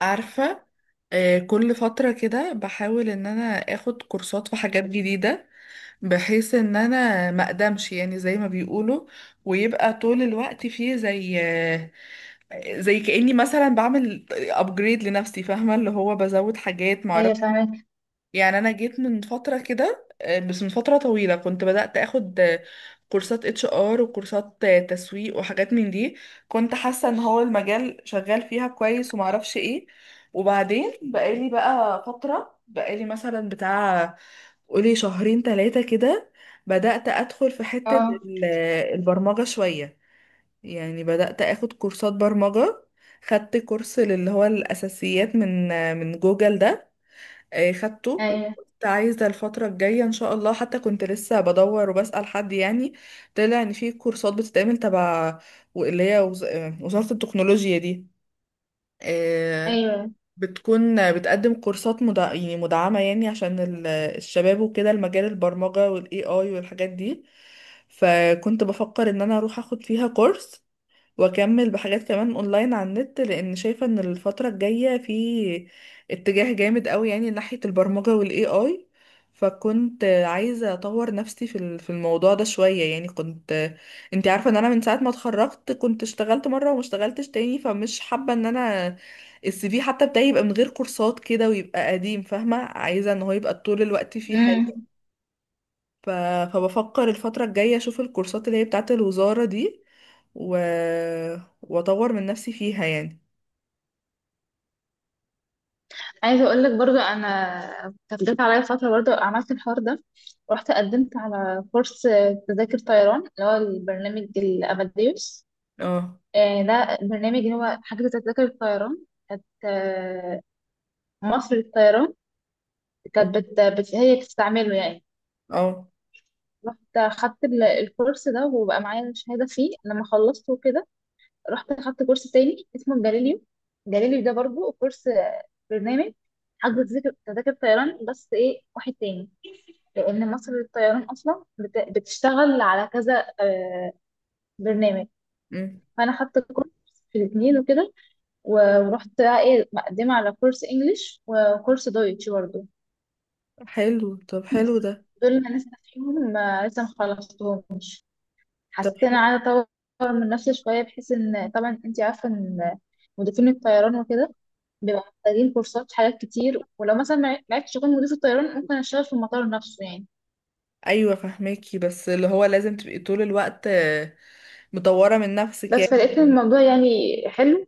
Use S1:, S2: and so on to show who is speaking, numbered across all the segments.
S1: عارفة. كل فترة كده بحاول ان انا اخد كورسات في حاجات جديدة، بحيث ان انا ما اقدمش، يعني زي ما بيقولوا، ويبقى طول الوقت فيه زي كأني مثلا بعمل ابجريد لنفسي، فاهمة؟ اللي هو بزود حاجات
S2: ايوه،
S1: معرفش.
S2: فاهمك.
S1: يعني انا جيت من فتره كده، بس من فتره طويله كنت بدات اخد كورسات HR وكورسات تسويق وحاجات من دي. كنت حاسه ان هو المجال شغال فيها كويس ومعرفش ايه. وبعدين بقالي بقى فتره، بقالي مثلا بتاع قولي شهرين ثلاثه كده، بدات ادخل في حته
S2: اه،
S1: ال- البرمجه شويه، يعني بدات اخد كورسات برمجه. خدت كورس اللي هو الاساسيات من من جوجل ده، خدته.
S2: ايوه،
S1: كنت عايزة الفترة الجاية إن شاء الله، حتى كنت لسه بدور وبسأل حد يعني. طلع إن في كورسات بتتعمل تبع اللي هي وزارة التكنولوجيا دي، آه،
S2: ايوه.
S1: بتكون بتقدم كورسات يعني مدعمة، يعني عشان الشباب وكده، المجال البرمجة والاي اي والحاجات دي. فكنت بفكر ان انا اروح اخد فيها كورس واكمل بحاجات كمان اونلاين على النت، لان شايفه ان الفتره الجايه في اتجاه جامد قوي يعني ناحيه البرمجه والاي اي. فكنت عايزه اطور نفسي في الموضوع ده شويه. يعني كنت، انت عارفه ان انا من ساعه ما اتخرجت كنت اشتغلت مره وما اشتغلتش تاني، فمش حابه ان انا السي في حتى بتاعي يبقى من غير كورسات كده ويبقى قديم، فاهمه؟ عايزه ان هو يبقى طول الوقت فيه حاجه.
S2: امم،
S1: ف... فبفكر الفترة الجاية اشوف الكورسات اللي هي بتاعة الوزارة دي، و... واطور من نفسي فيها يعني.
S2: عايزه اقول لك برضو، انا كانت جت عليا فتره برضو عملت الحوار ده. رحت قدمت على كورس تذاكر طيران، اللي هو البرنامج الاباديوس.
S1: اه.
S2: ده برنامج اللي هو حاجه تذاكر الطيران. كانت مصر للطيران كانت هي بتستعمله يعني.
S1: اه.
S2: رحت خدت الكورس ده وبقى معايا شهاده فيه لما خلصته كده. رحت اخدت كورس تاني اسمه جاليليو. جاليليو ده برضو كورس، برنامج حجز تذاكر طيران، بس ايه، واحد تاني. لان مصر للطيران اصلا بتشتغل على كذا برنامج.
S1: أمم.
S2: فانا خدت كورس في الاثنين وكده. ورحت بقى ايه مقدمه على كورس انجليش وكورس دويتش برضو.
S1: حلو. طب حلو ده.
S2: دول انا لسه فيهم، لسه مخلصتهم.
S1: طب
S2: حسيت ان
S1: حلو.
S2: انا عايزه اطور من نفسي شويه، بحيث ان طبعا انت عارفه ان مضيفين الطيران وكده بيبقى محتاجين كورسات في حاجات كتير، ولو مثلا ما عرفتش اكون مضيف الطيران ممكن اشتغل في المطار نفسه يعني.
S1: ايوه فهماكي، بس اللي هو لازم تبقي طول الوقت مطورة من نفسك
S2: بس
S1: يعني.
S2: فلقيت الموضوع يعني حلو.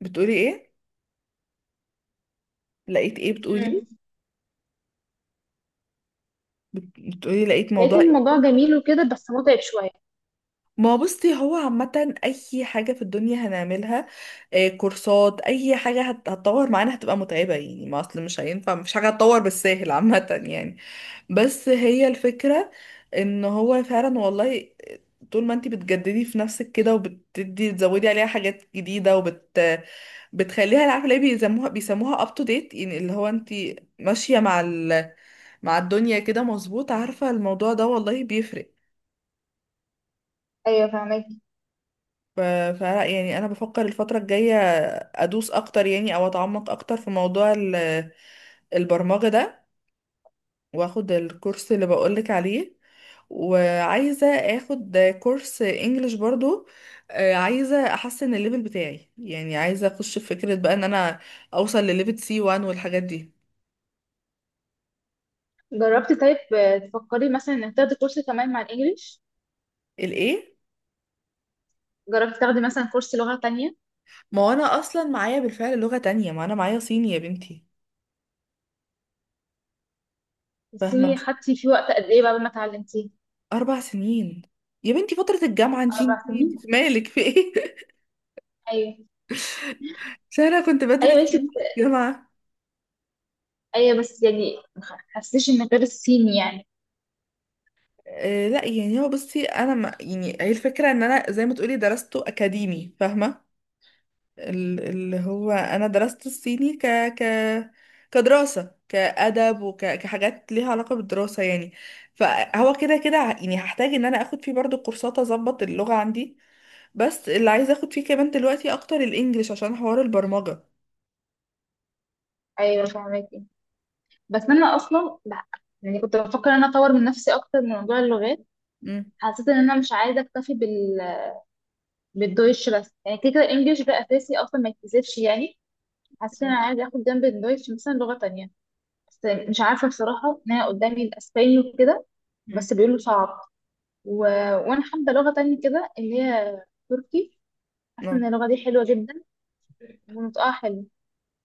S1: بتقولي ايه؟ لقيت ايه بتقولي؟
S2: مم.
S1: بتقولي لقيت
S2: لقيت
S1: موضوع.
S2: الموضوع جميل وكده بس متعب شويه.
S1: ما هو بصي، هو عامة أي حاجة في الدنيا هنعملها، كورسات أي حاجة هتطور معانا هتبقى متعبة يعني. ما أصل مش هينفع، مفيش حاجة هتطور بالساهل عامة يعني. بس هي الفكرة إن هو فعلا والله، طول ما انتي بتجددي في نفسك كده وبتدي تزودي عليها حاجات جديدة وبت بتخليها، عارفة ليه بيسموها up to date؟ يعني اللي هو انتي ماشية مع الدنيا كده. مظبوط؟ عارفة، الموضوع ده والله بيفرق.
S2: ايوه، فهمك.
S1: ف- فلا يعني انا بفكر الفتره الجايه ادوس اكتر، يعني او اتعمق اكتر في موضوع البرمجه ده، واخد الكورس اللي بقولك عليه، وعايزه اخد كورس انجليش برضو. عايزه احسن الليفل بتاعي، يعني عايزه اخش في فكره بقى ان انا اوصل لليفل سي 1 والحاجات دي.
S2: جربتي طيب، تفكري مثلا انك تاخدي كورس كمان مع الانجليش؟
S1: الايه؟
S2: جربتي تاخدي مثلا كورس لغه تانية؟
S1: ما هو انا اصلا معايا بالفعل لغه تانية، ما انا معايا صيني يا بنتي. فاهمه؟
S2: الصيني
S1: مش
S2: خدتي فيه وقت قد ايه بقى ما اتعلمتيه؟
S1: 4 سنين يا بنتي فتره الجامعه، انتي
S2: اربع سنين
S1: في مالك في ايه؟
S2: ايوه.
S1: عشان انا كنت بدرس
S2: ايوه، انت.
S1: سينما في الجامعة.
S2: ايوه، بس يعني ما حسيتش ان غير الصيني يعني.
S1: آه لا، يعني هو بصي، انا ما يعني، هي الفكرة ان انا زي ما تقولي درسته اكاديمي، فاهمة؟ اللي هو انا درست الصيني ك ك كدراسة، كأدب وكحاجات ليها علاقة بالدراسة يعني. فهو كده كده يعني هحتاج ان انا اخد فيه برضو كورسات اظبط اللغة عندي. بس اللي عايزة اخد فيه كمان دلوقتي اكتر الانجليش، عشان حوار البرمجة.
S2: ايوه، فهماكي. بس انا اصلا لا، يعني كنت بفكر ان انا اطور من نفسي اكتر من موضوع اللغات. حسيت ان انا مش عايزه اكتفي بالدويتش بس، يعني كده كده الانجليش ده اساسي اصلا ما يتكسبش يعني. حسيت ان انا عايزه اخد جنب الدويتش مثلا لغه تانية، بس مش عارفه بصراحه ان انا قدامي الاسباني وكده،
S1: امم.
S2: بس بيقولوا صعب. و... وانا حابه لغه تانية كده، اللي هي تركي. حاسه ان اللغه دي حلوه جدا ونطقها حلو.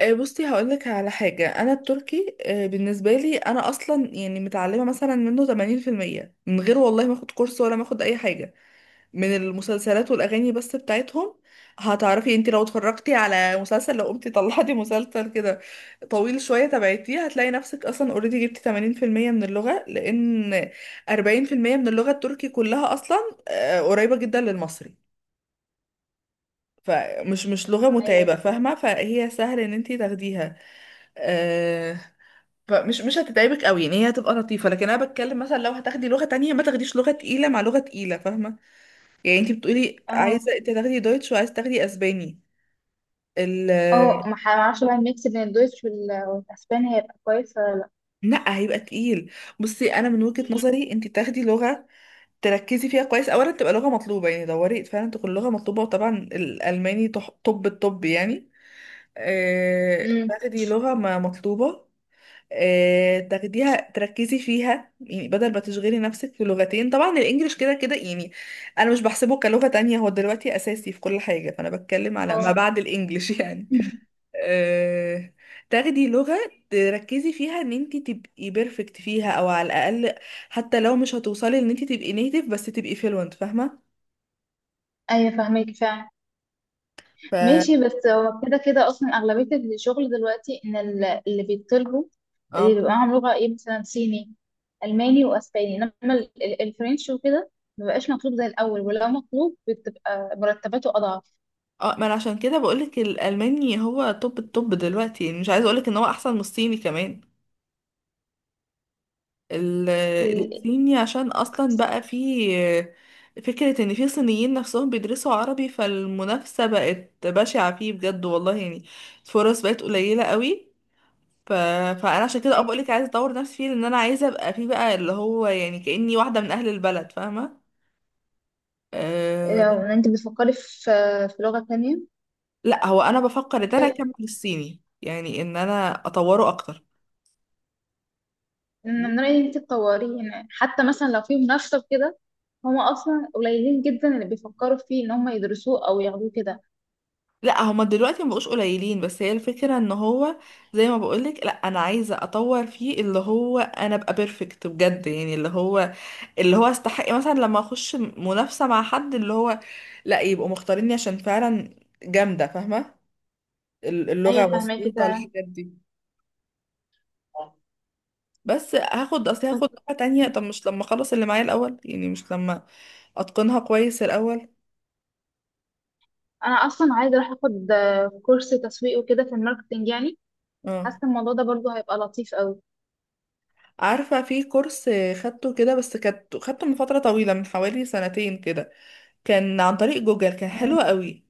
S1: بصي هقولك على حاجة، أنا التركي بالنسبة لي أنا أصلا يعني متعلمة مثلا منه 80% من غير والله ما أخد كورس ولا ما أخد أي حاجة، من المسلسلات والأغاني بس بتاعتهم. هتعرفي انتي لو اتفرجتي على مسلسل، لو قمتي طلعتي مسلسل كده طويل شوية تبعتيه، هتلاقي نفسك أصلا اوريدي جبتي 80% من اللغة. لأن 40% من اللغة التركي كلها أصلا قريبة جدا للمصري. فمش مش لغة
S2: ايوه.
S1: متعبة، فاهمة؟ فهي سهل ان انتي تاخديها. آه، فمش مش هتتعبك قوي يعني، هي هتبقى لطيفه. لكن انا بتكلم مثلا، لو هتاخدي لغه تانية ما تاخديش لغه تقيله مع لغه تقيله، فاهمه؟ يعني انت بتقولي
S2: اه.
S1: عايزه انت تاخدي دويتش وعايزه تاخدي اسباني. ال
S2: اه، ما اعرفش بقى الميكس بين الدويتش والاسباني هيبقى كويس ولا لا؟
S1: لا، هيبقى تقيل. بصي انا من وجهه نظري انت تاخدي لغه تركزي فيها كويس، اولا تبقى لغه مطلوبه، يعني دوري فعلا تكون لغه مطلوبه، وطبعا الالماني طب الطب يعني.
S2: امم.
S1: تاخدي لغه ما مطلوبه، تاخديها تركزي فيها، يعني بدل ما تشغلي نفسك في لغتين. طبعا الانجليش كده كده يعني، انا مش بحسبه كلغة تانية، هو دلوقتي اساسي في كل حاجة، فانا بتكلم على ما
S2: اه.
S1: بعد الانجليش يعني.
S2: مم.
S1: آه، تاخدي لغة تركزي فيها ان انت تبقي بيرفكت فيها، او على الاقل حتى لو مش هتوصلي ان انت تبقي نيتيف، بس تبقي فلوينت، فاهمة؟
S2: ايوه، فاهمك فعلا.
S1: ف
S2: ماشي، بس هو كده كده اصلا اغلبيه الشغل دلوقتي ان اللي بيطلبوا اللي
S1: اه.
S2: بيبقى معاهم لغه ايه، مثلا صيني، الماني واسباني. انما الفرنش وكده مبقاش مطلوب زي الاول، ولو مطلوب بتبقى مرتباته اضعف.
S1: اه. ما انا عشان كده بقولك الالماني هو توب التوب دلوقتي، يعني مش عايزه اقولك ان هو احسن من الصيني كمان. ال-
S2: ال-
S1: الصيني عشان اصلا بقى في فكرة ان في صينيين نفسهم بيدرسوا عربي، فالمنافسة بقت بشعة فيه بجد والله يعني. الفرص بقت قليلة قوي. ف... فانا عشان كده ابقى لك عايزة اطور نفسي فيه، لان انا عايزة ابقى فيه بقى اللي هو يعني كأني واحدة من اهل البلد، فاهمة؟ أه...
S2: لو انت بتفكري في لغه تانية،
S1: لا هو انا بفكر ان انا اكمل الصيني يعني، ان انا اطوره اكتر.
S2: من رأيي انت تطوريه يعني. حتى مثلا لو في منافسة وكده، هما أصلا قليلين جدا اللي بيفكروا فيه إن هما يدرسوه أو ياخدوه كده.
S1: لا هما دلوقتي مبقوش قليلين، بس هي الفكرة ان هو زي ما بقولك، لا انا عايزة اطور فيه، اللي هو انا ابقى بيرفكت بجد يعني، اللي هو استحق مثلا لما اخش منافسة مع حد، اللي هو لا يبقوا مختاريني عشان فعلا جامدة، فاهمة؟ اللغة
S2: أيوة، فهماكي
S1: مظبوطة
S2: فعلا.
S1: الحاجات دي. بس هاخد، اصل
S2: بس
S1: هاخد لغة تانية طب مش لما اخلص اللي معايا الاول، يعني مش لما اتقنها كويس الاول.
S2: أنا أصلا عايزة أروح أخد كورس تسويق وكده في الماركتينج يعني. حاسة
S1: اه،
S2: الموضوع ده برضه هيبقى لطيف أوي.
S1: عارفة في كورس خدته كده، بس كانت خدته من فترة طويلة، من حوالي سنتين كده. كان عن طريق جوجل، كان
S2: مم.
S1: حلو قوي.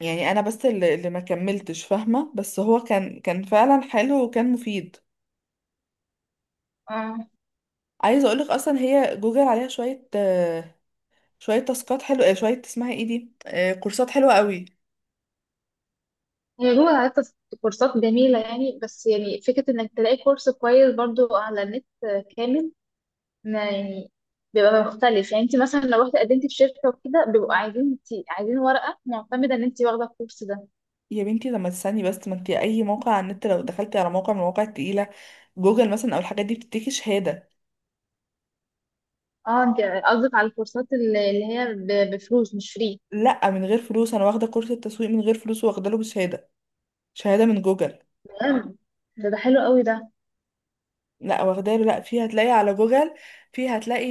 S1: يعني انا بس اللي ما كملتش، فاهمه؟ بس هو كان فعلا حلو وكان مفيد.
S2: اه،
S1: عايزه اقولك اصلا هي جوجل عليها شويه، شويه تاسكات حلوه، شويه اسمها ايه دي، كورسات حلوه قوي.
S2: هي جوجل عادة كورسات جميلة يعني، بس يعني فكرة إنك تلاقي كورس كويس برضه على النت كامل، ما يعني بيبقى مختلف. يعني انت مثلا لو رحت قدمتي في شركه وكده بيبقوا عايزين عايزين ورقه معتمده ان انت واخده الكورس ده.
S1: يا بنتي لما تستني بس، ما انت اي موقع على النت لو دخلتي على موقع من المواقع التقيله، جوجل مثلا او الحاجات دي، بتديكي شهاده.
S2: اه، انت قصدك على الكورسات اللي هي بفلوس مش فري؟
S1: لا من غير فلوس، انا واخده كورس التسويق من غير فلوس، واخده له بشهاده، شهاده من جوجل.
S2: تمام. ده حلو قوي ده.
S1: لا واخداله، لا في، هتلاقي على جوجل، في هتلاقي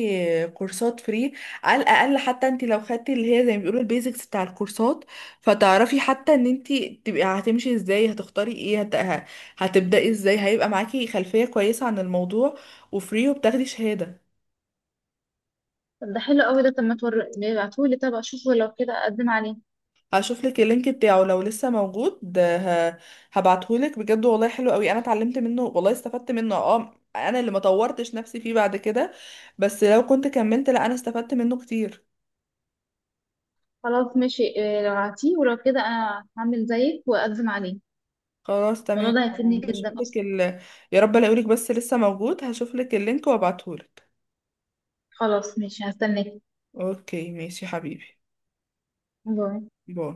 S1: كورسات فري. على الاقل حتى انت لو خدتي اللي هي زي ما بيقولوا البيزكس بتاع الكورسات، فتعرفي حتى ان انت تبقي هتمشي ازاي، هتختاري ايه، هتبداي ازاي، هيبقى معاكي خلفية كويسة عن الموضوع، وفري، وبتاخدي شهادة.
S2: طب ده حلو قوي ده. طب ما تور... ابعتهولي، طب اشوفه لو كده اقدم عليه.
S1: هشوف لك اللينك بتاعه لو لسه موجود، هبعتهولك. بجد والله حلو قوي، انا اتعلمت منه والله، استفدت منه. اه انا اللي ما طورتش نفسي فيه بعد كده، بس لو كنت كملت، لا انا استفدت منه كتير.
S2: خلاص، ماشي. اه، لو عطيه ولو كده انا هعمل زيك واقدم عليه.
S1: خلاص
S2: الموضوع
S1: تمام.
S2: ده هيفيدني
S1: هشوف
S2: جدا
S1: لك
S2: اصلا.
S1: يا رب الاقيلك، بس لسه موجود. هشوف لك اللينك وابعتهولك.
S2: خلاص، ماشي، هستناك.
S1: اوكي ماشي يا حبيبي.
S2: باي.
S1: باي.